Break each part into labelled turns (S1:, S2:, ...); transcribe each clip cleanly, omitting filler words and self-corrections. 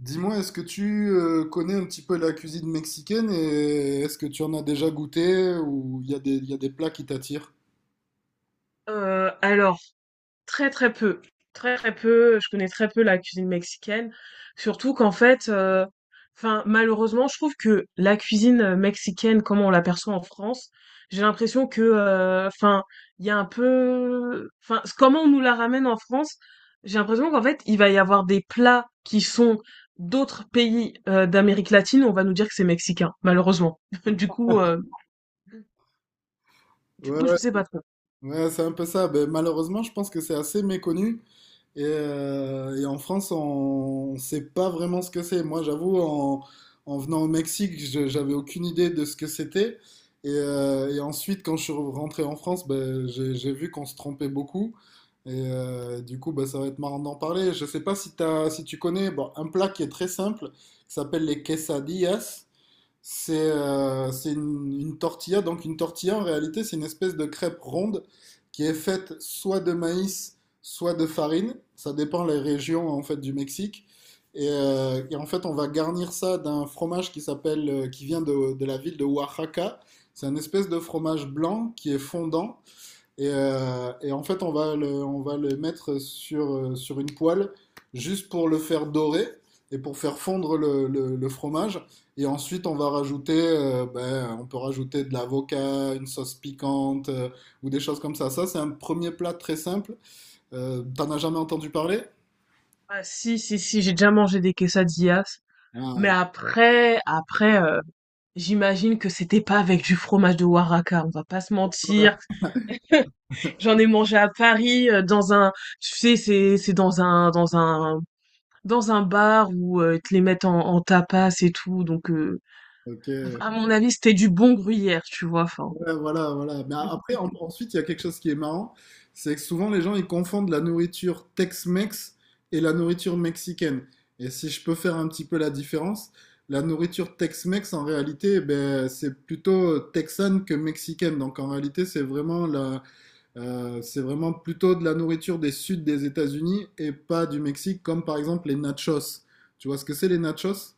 S1: Dis-moi, est-ce que tu connais un petit peu la cuisine mexicaine et est-ce que tu en as déjà goûté ou il y a il y a des plats qui t'attirent?
S2: Alors très, très peu, très, très peu, je connais très peu la cuisine mexicaine, surtout qu'en fait, enfin malheureusement je trouve que la cuisine mexicaine comme on l'aperçoit en France, j'ai l'impression que, enfin il y a un peu enfin c comment on nous la ramène en France, j'ai l'impression qu'en fait il va y avoir des plats qui sont d'autres pays d'Amérique latine, on va nous dire que c'est mexicain, malheureusement. Du coup, heu, du
S1: Ouais,
S2: coup
S1: ouais,
S2: je sais pas trop.
S1: ouais, c'est un peu ça. Ben, malheureusement, je pense que c'est assez méconnu. Et en France, on ne sait pas vraiment ce que c'est. Moi, j'avoue, en venant au Mexique, j'avais aucune idée de ce que c'était. Et ensuite, quand je suis rentré en France, ben, j'ai vu qu'on se trompait beaucoup. Et du coup, ben, ça va être marrant d'en parler. Je ne sais pas si si tu connais bon, un plat qui est très simple, qui s'appelle les quesadillas. C'est une tortilla. Donc une tortilla, en réalité, c'est une espèce de crêpe ronde qui est faite soit de maïs, soit de farine. Ça dépend les régions en fait du Mexique. Et en fait, on va garnir ça d'un fromage qui s'appelle, qui vient de la ville de Oaxaca. C'est un espèce de fromage blanc qui est fondant et en fait, on va le mettre sur une poêle juste pour le faire dorer et pour faire fondre le fromage. Et ensuite, on va rajouter, ben, on peut rajouter de l'avocat, une sauce piquante ou des choses comme ça. Ça, c'est un premier plat très simple. T'en as jamais entendu parler?
S2: Ah si, si, si, j'ai déjà mangé des quesadillas. Mais
S1: Ah,
S2: après, j'imagine que c'était pas avec du fromage de Oaxaca, on va pas se mentir. J'en ai mangé à Paris, dans un tu sais, c'est dans un dans un dans un bar où, ils te les mettent en en tapas et tout, donc
S1: ok.
S2: à mon avis, c'était du bon gruyère, tu vois? Enfin,
S1: Ouais, voilà, voilà. Mais après, ensuite, il y a quelque chose qui est marrant, c'est que souvent les gens ils confondent la nourriture Tex-Mex et la nourriture mexicaine. Et si je peux faire un petit peu la différence, la nourriture Tex-Mex en réalité, ben, c'est plutôt texane que mexicaine. Donc en réalité, c'est vraiment c'est vraiment plutôt de la nourriture des suds des États-Unis et pas du Mexique, comme par exemple les nachos. Tu vois ce que c'est les nachos?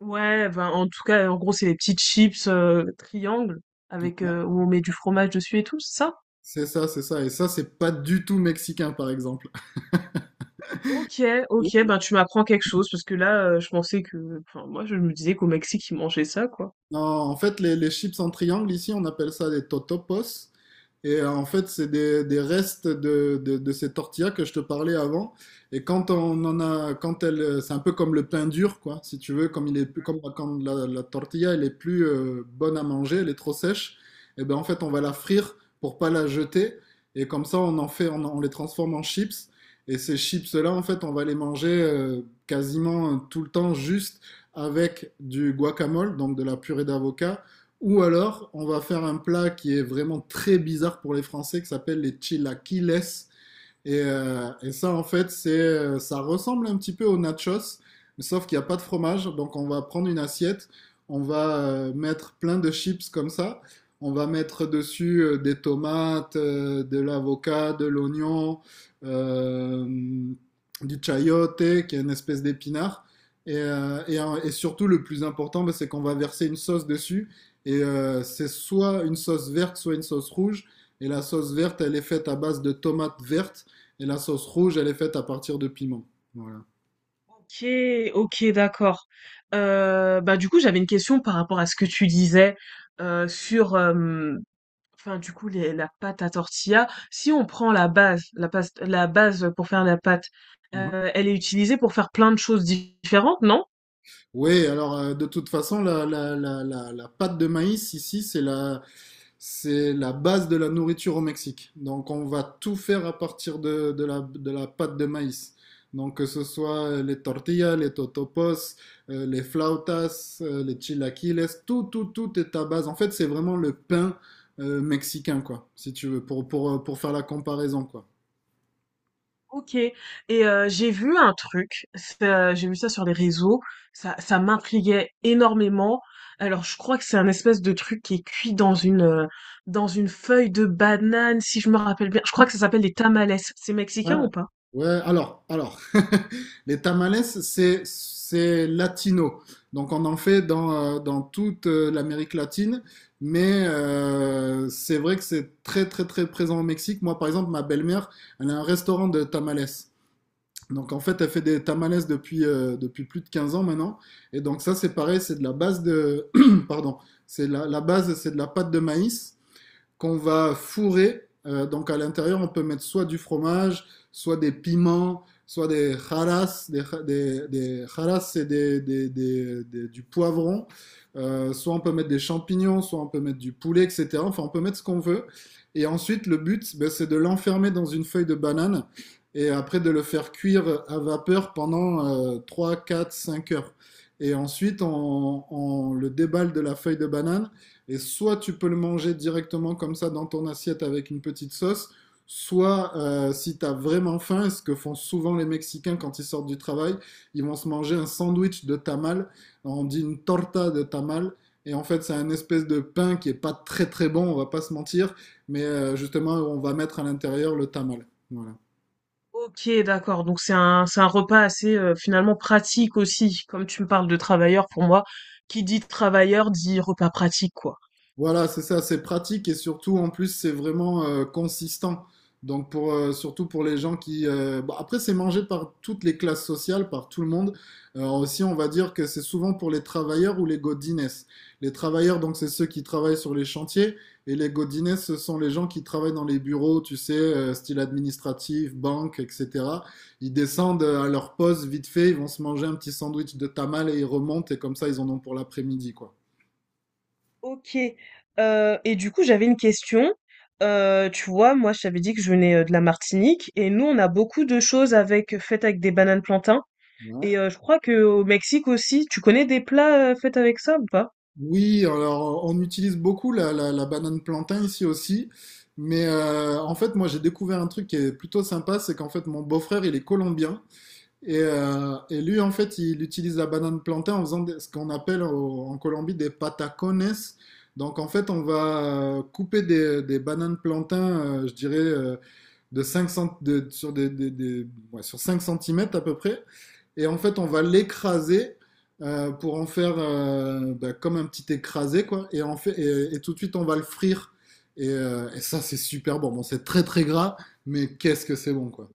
S2: ouais, ben, en tout cas, en gros, c'est les petites chips triangles avec,
S1: Ouais.
S2: heu, où on met du fromage dessus et tout, c'est ça?
S1: C'est ça, c'est ça. Et ça, c'est pas du tout mexicain, par exemple.
S2: OK, OK, ben, tu m'apprends quelque chose parce que là, je pensais que enfin, moi, je me disais qu'au Mexique, ils mangeaient ça, quoi.
S1: Non, en fait, les chips en triangle, ici, on appelle ça des totopos. Et en fait, c'est des restes de ces tortillas que je te parlais avant. Et quand on en a, quand elle, c'est un peu comme le pain dur, quoi, si tu veux, comme il est, comme quand la tortilla, elle est plus bonne à manger, elle est trop sèche. Et ben en fait, on va la frire pour pas la jeter. Et comme ça, on les transforme en chips. Et ces chips-là, en fait, on va les manger quasiment tout le temps juste avec du guacamole, donc de la purée d'avocat. Ou alors, on va faire un plat qui est vraiment très bizarre pour les Français, qui s'appelle les chilaquiles. Et ça, en fait, ça ressemble un petit peu aux nachos, mais sauf qu'il n'y a pas de fromage. Donc, on va prendre une assiette, on va mettre plein de chips comme ça. On va mettre dessus des tomates, de l'avocat, de l'oignon, euh, du chayote, qui est une espèce d'épinard. Et, et surtout, le plus important, bah, c'est qu'on va verser une sauce dessus. Et c'est soit une sauce verte, soit une sauce rouge. Et la sauce verte, elle est faite à base de tomates vertes et la sauce rouge, elle est faite à partir de piment. Voilà.
S2: Ok, ok, d'accord. Bah du coup, j'avais une question par rapport à ce que tu disais, sur, enfin du coup, la pâte à tortilla. Si on prend la base, la base, la base pour faire la pâte,
S1: Mhm.
S2: euh, elle est utilisée pour faire plein de choses différentes, non?
S1: Oui, alors de toute façon, la pâte de maïs ici, c'est la base de la nourriture au Mexique. Donc on va tout faire à partir de de la pâte de maïs. Donc que ce soit les tortillas, les totopos, les flautas, les chilaquiles, tout est à base. En fait, c'est vraiment le pain mexicain, quoi, si tu veux, pour faire la comparaison, quoi.
S2: OK et j'ai vu un truc, j'ai vu ça sur les réseaux, ça m'intriguait énormément. Alors je crois que c'est un espèce de truc qui est cuit dans une, dans une feuille de banane si je me rappelle bien. Je crois que ça s'appelle des tamales. C'est
S1: Ouais,
S2: mexicain ou pas?
S1: ouais, alors, les tamales, c'est latino. Donc on en fait dans toute l'Amérique latine, mais c'est vrai que c'est très présent au Mexique. Moi, par exemple, ma belle-mère, elle a un restaurant de tamales. Donc en fait, elle fait des tamales depuis, depuis plus de 15 ans maintenant. Et donc ça, c'est pareil, c'est de la base de... Pardon, c'est la base, c'est de la pâte de maïs qu'on va fourrer. Donc à l'intérieur, on peut mettre soit du fromage, soit des piments, soit des haras, des haras, c'est du poivron, soit on peut mettre des champignons, soit on peut mettre du poulet, etc. Enfin, on peut mettre ce qu'on veut. Et ensuite, le but, ben, c'est de l'enfermer dans une feuille de banane et après de le faire cuire à vapeur pendant 3, 4, 5 heures. Et ensuite, on le déballe de la feuille de banane et soit tu peux le manger directement comme ça dans ton assiette avec une petite sauce, soit si tu as vraiment faim, et ce que font souvent les Mexicains quand ils sortent du travail, ils vont se manger un sandwich de tamal, on dit une torta de tamal, et en fait c'est un espèce de pain qui est pas très très bon, on va pas se mentir, mais justement on va mettre à l'intérieur le tamal. Voilà.
S2: OK, d'accord, donc c'est un repas assez, finalement pratique aussi. Comme tu me parles de travailleurs, pour moi, qui dit travailleur dit repas pratique, quoi.
S1: Voilà, c'est ça, c'est pratique et surtout en plus c'est vraiment consistant. Donc pour surtout pour les gens qui bon, après c'est mangé par toutes les classes sociales, par tout le monde. Aussi on va dire que c'est souvent pour les travailleurs ou les godines. Les travailleurs donc c'est ceux qui travaillent sur les chantiers et les godines ce sont les gens qui travaillent dans les bureaux, tu sais, style administratif, banque, etc. Ils descendent à leur pause vite fait, ils vont se manger un petit sandwich de tamal et ils remontent et comme ça ils en ont pour l'après-midi quoi.
S2: OK, et du coup, j'avais une question. Tu vois, moi, je t'avais dit que je venais de la Martinique et nous, on a beaucoup de choses avec faites avec des bananes plantains
S1: Ouais.
S2: et je crois que au Mexique aussi. Tu connais des plats, faits avec ça ou pas?
S1: Oui, alors on utilise beaucoup la banane plantain ici aussi, mais en fait moi j'ai découvert un truc qui est plutôt sympa, c'est qu'en fait mon beau-frère il est colombien et lui en fait il utilise la banane plantain en faisant ce qu'on appelle en Colombie des patacones. Donc en fait on va couper des bananes plantain, je dirais de 5 cent- de- sur, des- ouais, sur 5 centimètres à peu près. Et en fait, on va l'écraser pour en faire bah, comme un petit écrasé, quoi. Et, en fait, et tout de suite, on va le frire. Et ça, c'est super bon. Bon, c'est très très gras, mais qu'est-ce que c'est bon, quoi.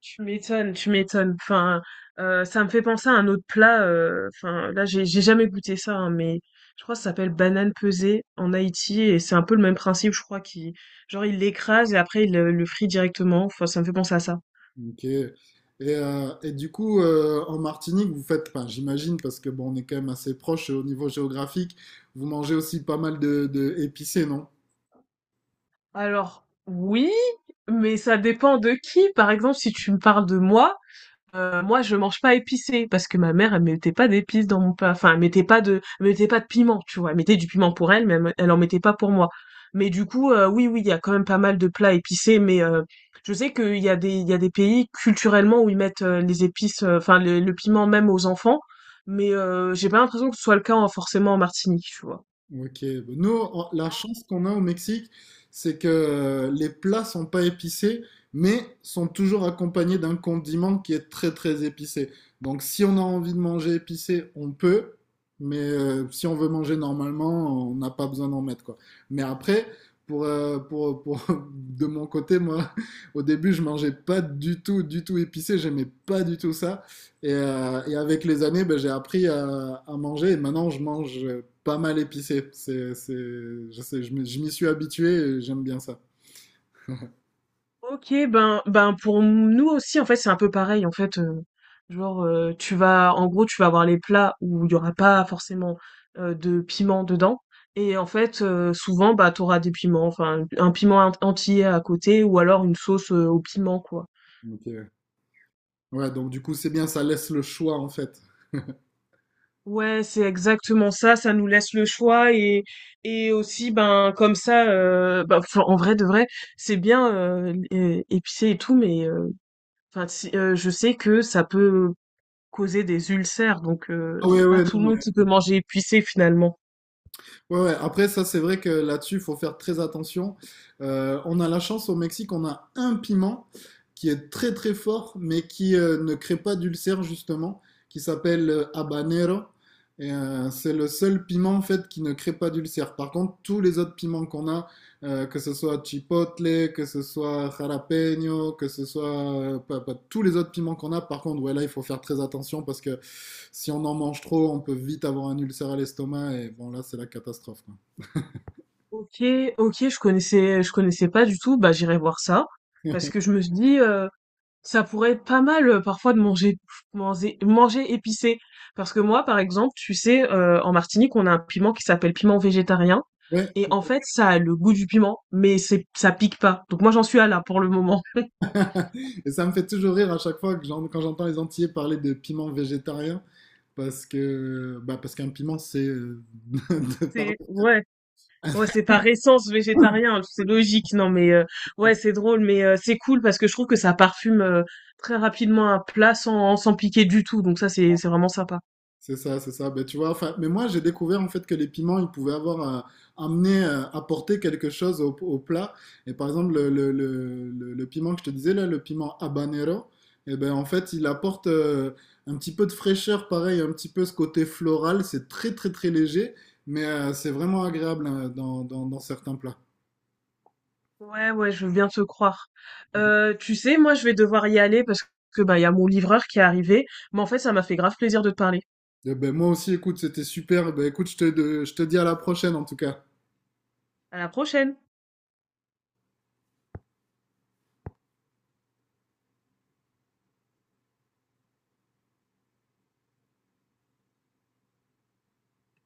S2: Tu m'étonnes, tu m'étonnes. Enfin, ça me fait penser à un autre plat, enfin, là, j'ai jamais goûté ça, hein, mais je crois que ça s'appelle banane pesée en Haïti et c'est un peu le même principe, je crois, qui genre, il l'écrase et après, il le frient directement. Enfin, ça me fait penser à ça.
S1: Ok. Et du coup, en Martinique, vous faites, enfin, j'imagine, parce que bon, on est quand même assez proche au niveau géographique, vous mangez aussi pas mal de épicé, non?
S2: Alors oui, mais ça dépend de qui. Par exemple, si tu me parles de moi, moi je mange pas épicé parce que ma mère elle mettait pas d'épices dans mon plat. Enfin, elle mettait pas de, elle mettait pas de piment, tu vois. Elle mettait du piment pour elle, mais elle, elle en mettait pas pour moi. Mais du coup, oui, oui, il y a quand même pas mal de plats épicés, mais je sais qu'il y a des, il y a des pays culturellement où ils mettent les épices, enfin le piment même aux enfants, mais j'ai pas l'impression que ce soit le cas forcément en Martinique, tu vois.
S1: Ok, nous, la chance qu'on a au Mexique, c'est que les plats sont pas épicés, mais sont toujours accompagnés d'un condiment qui est très très épicé. Donc, si on a envie de manger épicé, on peut, mais si on veut manger normalement, on n'a pas besoin d'en mettre quoi. Mais après, pour de mon côté, moi, au début, je mangeais pas du tout, du tout épicé, j'aimais pas du tout ça. Et avec les années, ben, j'ai appris à manger et maintenant je mange pas mal épicé. Je sais, je m'y suis habitué et j'aime bien ça.
S2: OK, ben ben pour nous aussi en fait, c'est un peu pareil en fait, genre, tu vas en gros, tu vas avoir les plats où il y aura pas forcément, de piment dedans et en fait, souvent, bah, t'auras des piments, enfin un piment en entier à côté ou alors une sauce, au piment quoi.
S1: Donc, ouais, donc du coup, c'est bien, ça laisse le choix en fait.
S2: Ouais, c'est exactement ça, ça nous laisse le choix et aussi ben comme ça, bah, enfin en vrai de vrai, c'est bien, é épicé et tout mais, enfin si, je sais que ça peut causer des ulcères, donc
S1: Ah ouais,
S2: c'est pas
S1: ouais,
S2: tout le
S1: non,
S2: monde qui peut manger épicé finalement.
S1: ouais, ouais. Après, ça, c'est vrai que là-dessus, il faut faire très attention. On a la chance au Mexique, on a un piment qui est très très fort, mais qui ne crée pas d'ulcère justement, qui s'appelle habanero. Et c'est le seul piment en fait qui ne crée pas d'ulcère. Par contre, tous les autres piments qu'on a, que ce soit chipotle, que ce soit jalapeño, que ce soit tous les autres piments qu'on a. Par contre, ouais, là, il faut faire très attention parce que si on en mange trop, on peut vite avoir un ulcère à l'estomac et bon, là, c'est la catastrophe, quoi.
S2: OK, OK, je connaissais pas du tout, bah, j'irai voir ça parce que je me suis dit, ça pourrait être pas mal, parfois de manger épicé. Parce que moi, par exemple, tu sais, en Martinique, on a un piment qui s'appelle piment végétarien
S1: Ouais.
S2: et en fait, ça a le goût du piment, mais c'est ça pique pas. Donc moi, j'en suis à là pour le moment.
S1: Et ça me fait toujours rire à chaque fois que quand j'entends les Antillais parler de piments végétariens parce que bah parce qu'un piment c'est de par
S2: C'est ouais. Ouais, c'est par essence végétarien, hein, c'est logique. Non, ouais, c'est drôle, c'est cool parce que je trouve que ça parfume très rapidement un plat sans piquer du tout. Donc ça, c'est vraiment sympa.
S1: C'est ça, c'est ça. Ben, tu vois, enfin, mais moi, j'ai découvert en fait que les piments, ils pouvaient avoir apporter quelque chose au plat. Et par exemple, le piment que je te disais là, le piment habanero, et ben en fait, il apporte un petit peu de fraîcheur, pareil, un petit peu ce côté floral. C'est très léger, mais c'est vraiment agréable hein, dans certains plats.
S2: Ouais, ouais, je veux bien te croire. Tu sais, moi, je vais devoir y aller parce que bah il y a mon livreur qui est arrivé. Mais en fait, ça m'a fait grave plaisir de te parler.
S1: Et ben moi aussi, écoute, c'était super. Ben écoute, je te dis à la prochaine en tout cas.
S2: À la prochaine.